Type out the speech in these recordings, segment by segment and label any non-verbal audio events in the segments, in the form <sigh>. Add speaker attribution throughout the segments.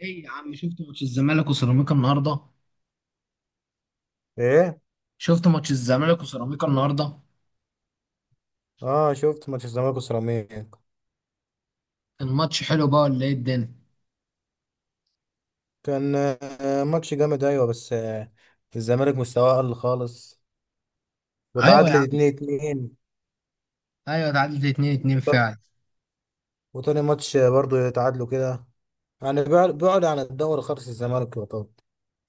Speaker 1: ايه يا عم، شفت ماتش الزمالك وسيراميكا النهارده؟
Speaker 2: ايه.
Speaker 1: شفت ماتش الزمالك وسيراميكا النهارده؟
Speaker 2: اه، شفت ماتش الزمالك وسيراميكا.
Speaker 1: الماتش حلو بقى ولا ايه الدنيا؟
Speaker 2: كان ماتش جامد، ايوه، بس الزمالك مستواه قل خالص
Speaker 1: ايوه يا
Speaker 2: وتعادلت
Speaker 1: عم.
Speaker 2: 2-2.
Speaker 1: ايوه اتعادلت 2 2 فعلا.
Speaker 2: وتاني ماتش برضو يتعادلوا كده، يعني بعد عن الدوري خالص. الزمالك يعتبر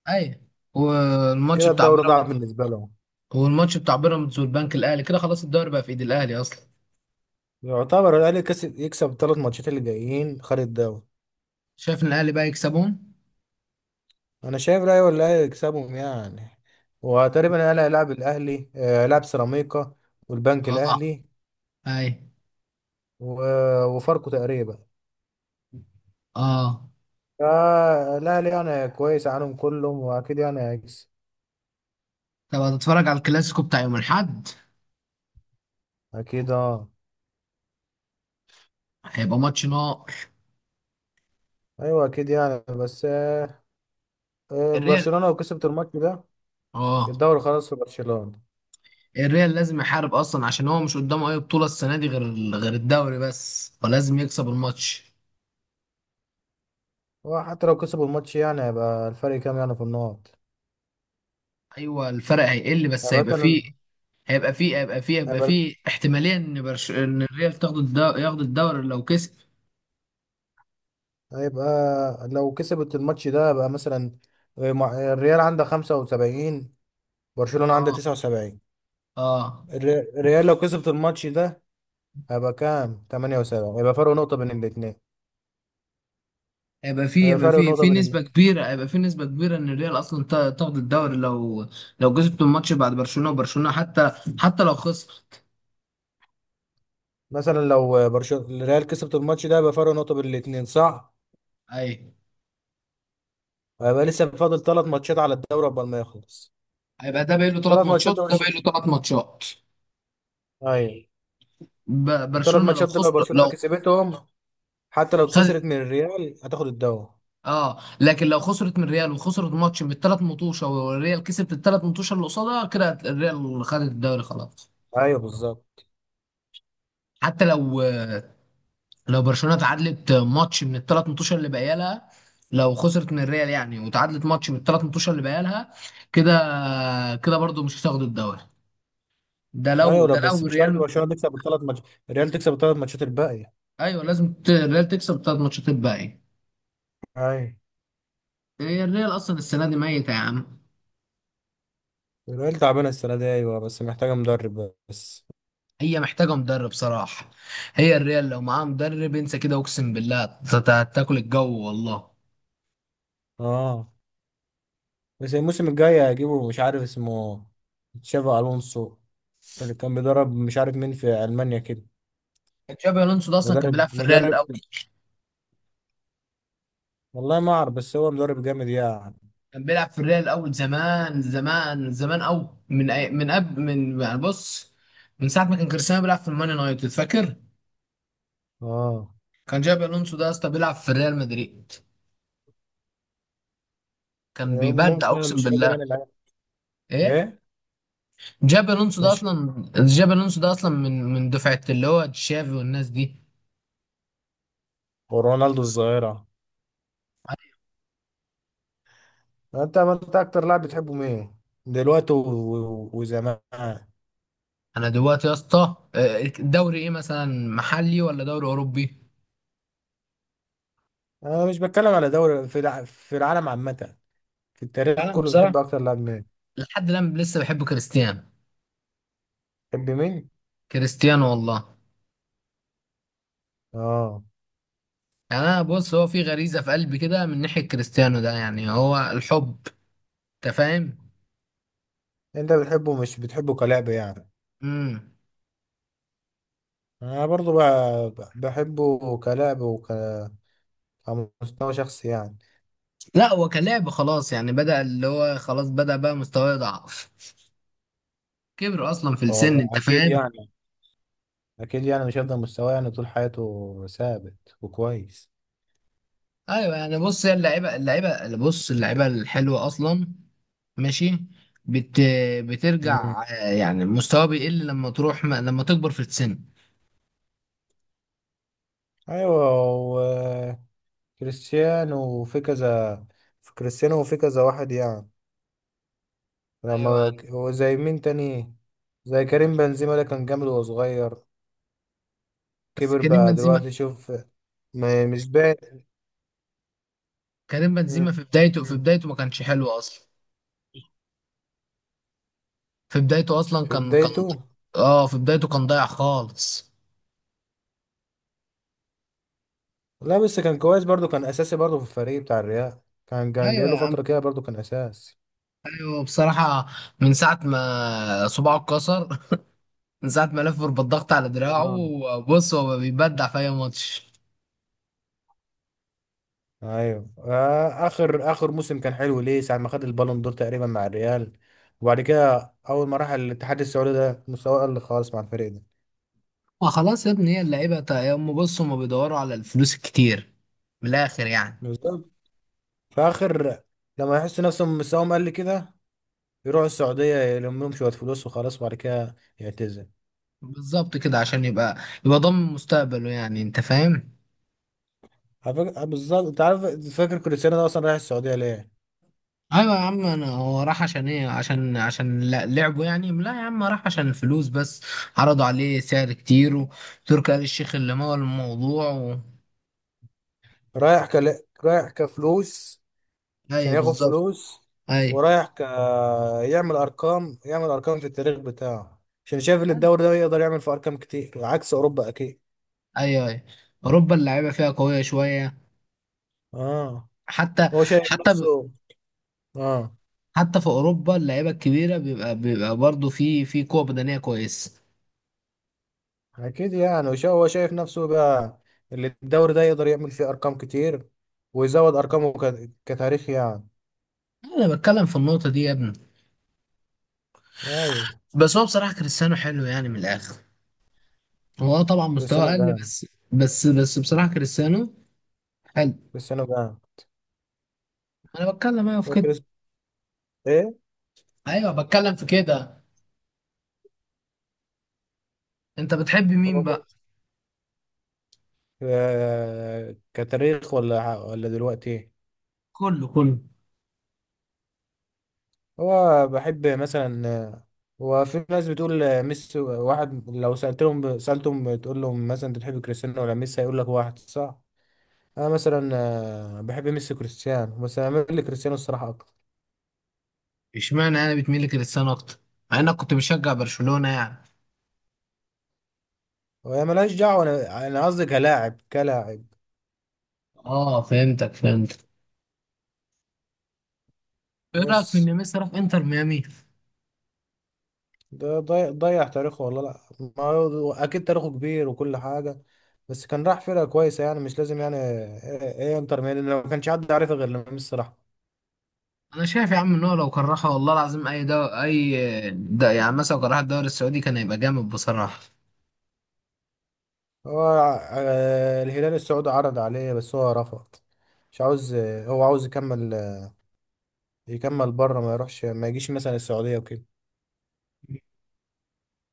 Speaker 1: ايوه، والماتش
Speaker 2: كده
Speaker 1: بتاع
Speaker 2: الدوري ضاع
Speaker 1: بيراميدز،
Speaker 2: بالنسبه لهم.
Speaker 1: والماتش بتاع بيراميدز والبنك الاهلي كده خلاص الدوري بقى في ايد الاهلي اصلا.
Speaker 2: يعتبر الاهلي كسب، يكسب الـ3 ماتشات اللي جايين خارج الدوري.
Speaker 1: شايف ان الاهلي بقى يكسبون.
Speaker 2: انا شايف الاهلي، والاهلي يكسبهم يعني. وتقريبا الاهلي هيلاعب الاهلي هيلاعب سيراميكا والبنك
Speaker 1: اه.
Speaker 2: الاهلي
Speaker 1: ايوه.
Speaker 2: وفاركو تقريبا.
Speaker 1: اه.
Speaker 2: لا لا، يعني كويس عنهم كلهم، واكيد يعني هيكسب.
Speaker 1: طب هتتفرج على الكلاسيكو بتاع يوم الاحد؟
Speaker 2: اكيد اه.
Speaker 1: هيبقى ماتش نار.
Speaker 2: ايوه اكيد يعني، بس آه آه،
Speaker 1: الريال.
Speaker 2: برشلونة لو كسبت الماتش ده،
Speaker 1: اه.
Speaker 2: الدوري خلاص في برشلونة.
Speaker 1: الريال لازم يحارب اصلا عشان هو مش قدامه اي بطولة السنة دي غير غير الدوري بس، فلازم يكسب الماتش.
Speaker 2: وحتى لو كسبوا الماتش، يعني هيبقى الفرق كام يعني في النقط؟
Speaker 1: ايوه الفرق هيقل بس
Speaker 2: يعني
Speaker 1: هيبقى
Speaker 2: مثلا
Speaker 1: فيه، هيبقى فيه، هيبقى فيه،
Speaker 2: هيبقى,
Speaker 1: احتمالية ان الريال تاخد الدوري، ياخد الدوري لو كسب.
Speaker 2: هيبقى لو كسبت الماتش ده هيبقى مثلا الريال عنده 75، برشلونة عنده
Speaker 1: اه.
Speaker 2: 79.
Speaker 1: اه.
Speaker 2: الريال لو كسبت الماتش ده هيبقى كام، 78، يبقى فرق نقطة بين الاثنين.
Speaker 1: هيبقى فيه،
Speaker 2: هيبقى
Speaker 1: هيبقى
Speaker 2: فرق
Speaker 1: فيه
Speaker 2: نقطة
Speaker 1: في
Speaker 2: بين
Speaker 1: نسبة
Speaker 2: الاثنين.
Speaker 1: كبيرة، هيبقى فيه نسبة كبيرة ان الريال اصلا تاخد الدوري لو لو كسبت الماتش بعد برشلونة، وبرشلونة حتى حتى لو خسر.
Speaker 2: مثلا لو برشلونه الريال كسبت الماتش ده يبقى فرق نقطه بين الاثنين، صح؟
Speaker 1: ايوه
Speaker 2: هيبقى لسه فاضل 3 ماتشات على الدوري قبل ما يخلص.
Speaker 1: هيبقى ده باقي له ثلاث
Speaker 2: 3 ماتشات
Speaker 1: ماتشات
Speaker 2: دول
Speaker 1: وده باقي
Speaker 2: برشلونه.
Speaker 1: له ثلاث ماتشات.
Speaker 2: ايوه، الثلاث
Speaker 1: برشلونة لو
Speaker 2: ماتشات دول لو
Speaker 1: خسر
Speaker 2: برشلونه
Speaker 1: لو
Speaker 2: كسبتهم، حتى لو
Speaker 1: خد.
Speaker 2: خسرت من الريال هتاخد الدوري.
Speaker 1: اه لكن لو خسرت من ريال وخسرت ماتش بالثلاث مطوشه، والريال كسبت الثلاث مطوشه اللي قصادها، كده الريال خدت الدوري خلاص.
Speaker 2: ايوه بالظبط.
Speaker 1: حتى لو لو برشلونه اتعادلت ماتش من الثلاث مطوشه اللي باقيه لها، لو خسرت من الريال يعني وتعادلت ماتش من الثلاث مطوشه اللي باقيه لها، كده كده برضو مش هتاخد الدوري. ده لو
Speaker 2: ايوه لا،
Speaker 1: ده
Speaker 2: بس
Speaker 1: لو
Speaker 2: مش شرط
Speaker 1: الريال.
Speaker 2: برشلونه تكسب الـ3 ماتشات، الريال تكسب الـ3 ماتشات الباقيه.
Speaker 1: ايوه لازم الريال تكسب الثلاث ماتشات الباقيه.
Speaker 2: ايوه.
Speaker 1: هي الريال اصلا السنه دي ميته يا عم.
Speaker 2: الريال تعبانه السنه دي، ايوه، بس محتاجه مدرب بس.
Speaker 1: هي محتاجة مدرب صراحة. هي الريال لو معاها مدرب انسى كده، اقسم بالله هتاكل الجو والله.
Speaker 2: اه، بس الموسم الجاي هيجيبوا مش عارف اسمه، تشافي الونسو، اللي كان بيدرب مش عارف مين في المانيا كده.
Speaker 1: تشابي الونسو ده اصلا كان
Speaker 2: مدرب
Speaker 1: بيلعب في الريال
Speaker 2: مدرب،
Speaker 1: الاول.
Speaker 2: والله ما اعرف، بس هو مدرب جامد يعني.
Speaker 1: كان بيلعب في الريال الاول زمان زمان زمان قوي، من قبل، من يعني بص، من ساعة ما كان كريستيانو بيلعب في المان يونايتد، فاكر؟
Speaker 2: اه.
Speaker 1: كان جابي الونسو ده اصلا بيلعب في الريال مدريد. كان بيبدع
Speaker 2: ممكن، انا
Speaker 1: اقسم
Speaker 2: مش فاكر،
Speaker 1: بالله.
Speaker 2: انا العيال.
Speaker 1: ايه؟
Speaker 2: ايه؟
Speaker 1: جابي الونسو ده
Speaker 2: مش
Speaker 1: اصلا، جابي الونسو ده اصلا من من دفعة اللي هو تشافي والناس دي.
Speaker 2: ورونالدو الظاهرة، انت، ما انت اكتر لاعب بتحبه مين دلوقتي وزمان؟
Speaker 1: انا دلوقتي يا اسطى، دوري ايه مثلا، محلي ولا دوري اوروبي؟
Speaker 2: انا مش بتكلم على دوري، في في العالم عامة، في التاريخ
Speaker 1: انا
Speaker 2: كله
Speaker 1: بصراحه
Speaker 2: بتحب اكتر لاعب مين؟
Speaker 1: لحد الان لسه بحب كريستيانو.
Speaker 2: بتحب مين؟
Speaker 1: كريستيانو والله.
Speaker 2: اه.
Speaker 1: يعني انا بص، هو في غريزه في قلبي كده من ناحيه كريستيانو ده، يعني هو الحب، انت فاهم.
Speaker 2: انت بتحبه، مش بتحبه كلاعب يعني؟
Speaker 1: امم
Speaker 2: انا برضو بحبه كلاعب وكمستوى شخصي يعني.
Speaker 1: لا هو كلاعب خلاص يعني بدأ، اللي هو خلاص بدأ بقى مستواه يضعف، كبر اصلا في السن،
Speaker 2: هو
Speaker 1: انت
Speaker 2: اكيد
Speaker 1: فاهم.
Speaker 2: يعني، اكيد يعني مش هيفضل مستواه يعني طول حياته ثابت وكويس.
Speaker 1: ايوه يعني بص، هي اللعيبه، اللعيبه بص، اللعيبه الحلوه اصلا، ماشي، بت
Speaker 2: مم.
Speaker 1: بترجع، يعني مستواه بيقل لما تروح ما... لما تكبر في السن.
Speaker 2: ايوه. وكريستيانو وفي كذا، في كريستيانو وفي كذا واحد يعني. لما
Speaker 1: ايوه.
Speaker 2: هو زي مين تاني، زي كريم بنزيما، ده كان جامد وهو صغير،
Speaker 1: بس
Speaker 2: كبر
Speaker 1: كريم
Speaker 2: بقى
Speaker 1: بنزيما،
Speaker 2: دلوقتي شوف، ما مش باين.
Speaker 1: كريم بنزيما
Speaker 2: مم.
Speaker 1: في بدايته، في
Speaker 2: مم.
Speaker 1: بدايته ما كانش حلو اصلا. في بدايته اصلا
Speaker 2: في
Speaker 1: كان
Speaker 2: بدايته.
Speaker 1: اه في بدايته كان ضايع خالص.
Speaker 2: لا بس كان كويس برضو، كان اساسي برضو في الفريق بتاع الريال. كان كان
Speaker 1: ايوه
Speaker 2: جاي له
Speaker 1: يا عم.
Speaker 2: فترة كده برضو كان اساسي.
Speaker 1: ايوه بصراحه. من ساعه ما صباعه اتكسر <laughs> من ساعه ما لف بالضغط على دراعه.
Speaker 2: آه.
Speaker 1: بص هو بيبدع في اي ماتش.
Speaker 2: ايوه. اخر اخر موسم كان حلو ليه، ساعه ما خد البالون دور تقريبا مع الريال. وبعد كده اول ما راح الاتحاد السعودي ده مستواه قل خالص مع الفريق ده.
Speaker 1: وخلاص يا ابني، هي اللعيبه هم بصوا، هم بيدوروا على الفلوس الكتير، من الاخر يعني.
Speaker 2: بالظبط. فاخر، لما يحس نفسهم مستواهم قل كده يروحوا السعوديه يلم لهم شويه فلوس وخلاص، وبعد كده يعتزل.
Speaker 1: بالظبط كده عشان يبقى يبقى ضامن مستقبله يعني، انت فاهم.
Speaker 2: بالظبط، انت عارف فاكر كريستيانو ده اصلا رايح السعوديه ليه؟
Speaker 1: ايوه يا عم. انا هو راح عشان ايه؟ عشان لعبه يعني؟ لا يا عم راح عشان الفلوس بس. عرضوا عليه سعر كتير، وتركي آل الشيخ اللي مول الموضوع
Speaker 2: رايح كفلوس، عشان
Speaker 1: ايوه
Speaker 2: ياخد
Speaker 1: بالظبط.
Speaker 2: فلوس.
Speaker 1: ايوه
Speaker 2: ورايح ك... يعمل ارقام، يعمل ارقام في التاريخ بتاعه، عشان شايف ان الدوري ده يقدر يعمل في ارقام كتير عكس اوروبا اكيد.
Speaker 1: ايوه ايوه. اوروبا اللعيبه فيها قويه شويه.
Speaker 2: اه.
Speaker 1: حتى
Speaker 2: هو شايف
Speaker 1: حتى
Speaker 2: نفسه. اه،
Speaker 1: حتى في اوروبا اللعيبه الكبيره بيبقى برضه في قوه بدنيه كويسه.
Speaker 2: اكيد يعني، هو شايف نفسه بقى اللي الدوري ده يقدر يعمل فيه ارقام كتير ويزود ارقامه كتاريخ يعني.
Speaker 1: انا بتكلم في النقطه دي يا ابني.
Speaker 2: ايوه.
Speaker 1: بس هو بصراحه كريستيانو حلو يعني من الاخر. هو آه طبعا مستواه
Speaker 2: كريستيانو
Speaker 1: اقل
Speaker 2: جان.
Speaker 1: بس. بس بصراحه كريستيانو حلو.
Speaker 2: كريستيانو جان.
Speaker 1: انا بتكلم ايوه في
Speaker 2: هو
Speaker 1: كده.
Speaker 2: كريس. ايه.
Speaker 1: ايوه بتكلم في كده. انت بتحب مين
Speaker 2: هو
Speaker 1: بقى؟
Speaker 2: كريس كتاريخ ولا دلوقتي إيه؟
Speaker 1: كله كله.
Speaker 2: هو بحب مثلا هو في ناس بتقول ميسي واحد، لو سألتهم سألتهم تقول لهم مثلا انت بتحب كريستيانو ولا ميسي هيقول لك واحد، صح. انا مثلا بحب ميسي كريستيانو، بس انا بميل لكريستيانو الصراحة اكتر.
Speaker 1: اشمعنى انا بتميل لكريستيانو اكتر مع انك كنت بشجع برشلونه يعني؟
Speaker 2: وهي ملهاش دعوة، انا قصدي كلاعب كلاعب
Speaker 1: اه فهمتك فهمتك. ايه رايك في
Speaker 2: بس.
Speaker 1: ان ميسي راح انتر ميامي؟
Speaker 2: ده ضيع تاريخه والله. لا، ما هو اكيد تاريخه كبير وكل حاجة، بس كان راح فرقة كويسة يعني، مش لازم يعني ايه إيه إيه، انتر ميامي لو ما كانش حد عارفها غير لما ميسي راح.
Speaker 1: انا شايف يا عم ان هو لو كرهها والله العظيم اي ده يعني مثلا لو كرهها الدوري السعودي كان هيبقى جامد بصراحه.
Speaker 2: هو الهلال السعودي عرض عليه بس هو رفض، مش عاوز، هو عاوز يكمل، يكمل بره، ما يروحش، ما يجيش مثلا السعودية وكده.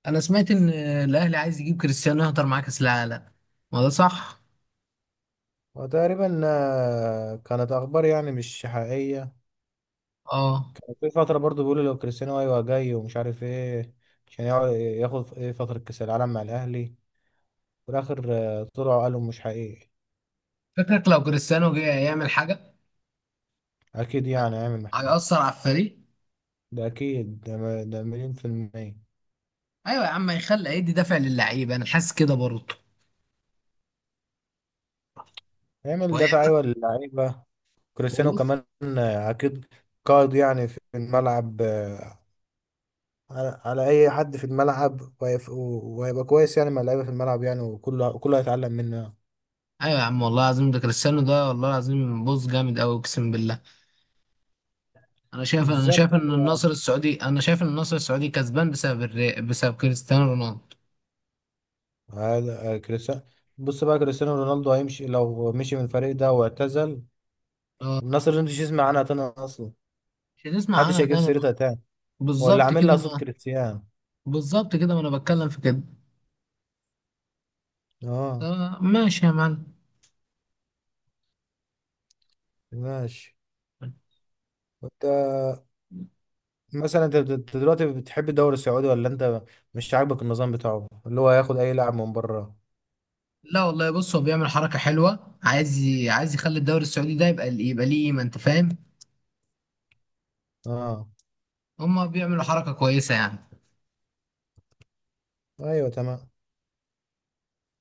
Speaker 1: انا سمعت ان الاهلي عايز يجيب كريستيانو يهضر معاه كاس العالم، ما ده صح؟
Speaker 2: وتقريبا كانت أخبار يعني مش حقيقية.
Speaker 1: اه.
Speaker 2: وفي فترة برضو بيقولوا لو كريستيانو أيوة جاي ومش عارف إيه، عشان ياخد إيه فترة كأس العالم مع الأهلي. في الآخر طلعوا قالوا مش حقيقي.
Speaker 1: فكرك لو كريستيانو جه يعمل حاجه،
Speaker 2: أكيد يعني هيعمل محمد.
Speaker 1: هيأثر على الفريق؟
Speaker 2: ده أكيد، ده 100%.
Speaker 1: ايوه يا عم، هيدي دافع للعيبه، انا حاسس كده برضه.
Speaker 2: هيعمل دفع
Speaker 1: وهيعمل
Speaker 2: أيوة للعيبة. كريستيانو
Speaker 1: بص.
Speaker 2: كمان اكيد قائد يعني في الملعب، على على اي حد في الملعب، وهيبقى كويس يعني مع اللعيبه في الملعب يعني، وكله وكله هيتعلم منه يعني.
Speaker 1: ايوه يا عم والله العظيم، ده كريستيانو ده والله العظيم بص، جامد قوي اقسم بالله.
Speaker 2: بالظبط.
Speaker 1: انا شايف ان النصر السعودي كسبان بسبب بسبب كريستيانو رونالدو.
Speaker 2: هذا كريستيانو. بص بقى، كريستيانو رونالدو هيمشي، لو مشي من الفريق ده واعتزل،
Speaker 1: آه.
Speaker 2: الناس اللي مش يسمع عنها تاني اصلا،
Speaker 1: مش هتسمع
Speaker 2: محدش
Speaker 1: عنها
Speaker 2: هيجيب
Speaker 1: تاني بقى.
Speaker 2: سيرتها تاني، ولا
Speaker 1: بالظبط
Speaker 2: عامل
Speaker 1: كده
Speaker 2: لها صوت
Speaker 1: ما
Speaker 2: كريستيانو.
Speaker 1: بالظبط كده، ما انا بتكلم في كده.
Speaker 2: اه.
Speaker 1: آه، ماشي يا معلم.
Speaker 2: ماشي. وانت مثلا، أنت دلوقتي بتحب الدوري السعودي، ولا انت مش عاجبك النظام بتاعه اللي هو هياخد اي لاعب من بره؟
Speaker 1: لا والله بص، هو بيعمل حركة حلوة، عايز عايز يخلي الدوري السعودي ده يبقى، يبقى ليه قيمة، انت فاهم.
Speaker 2: اه.
Speaker 1: هما بيعملوا حركة كويسة يعني.
Speaker 2: ايوه تمام.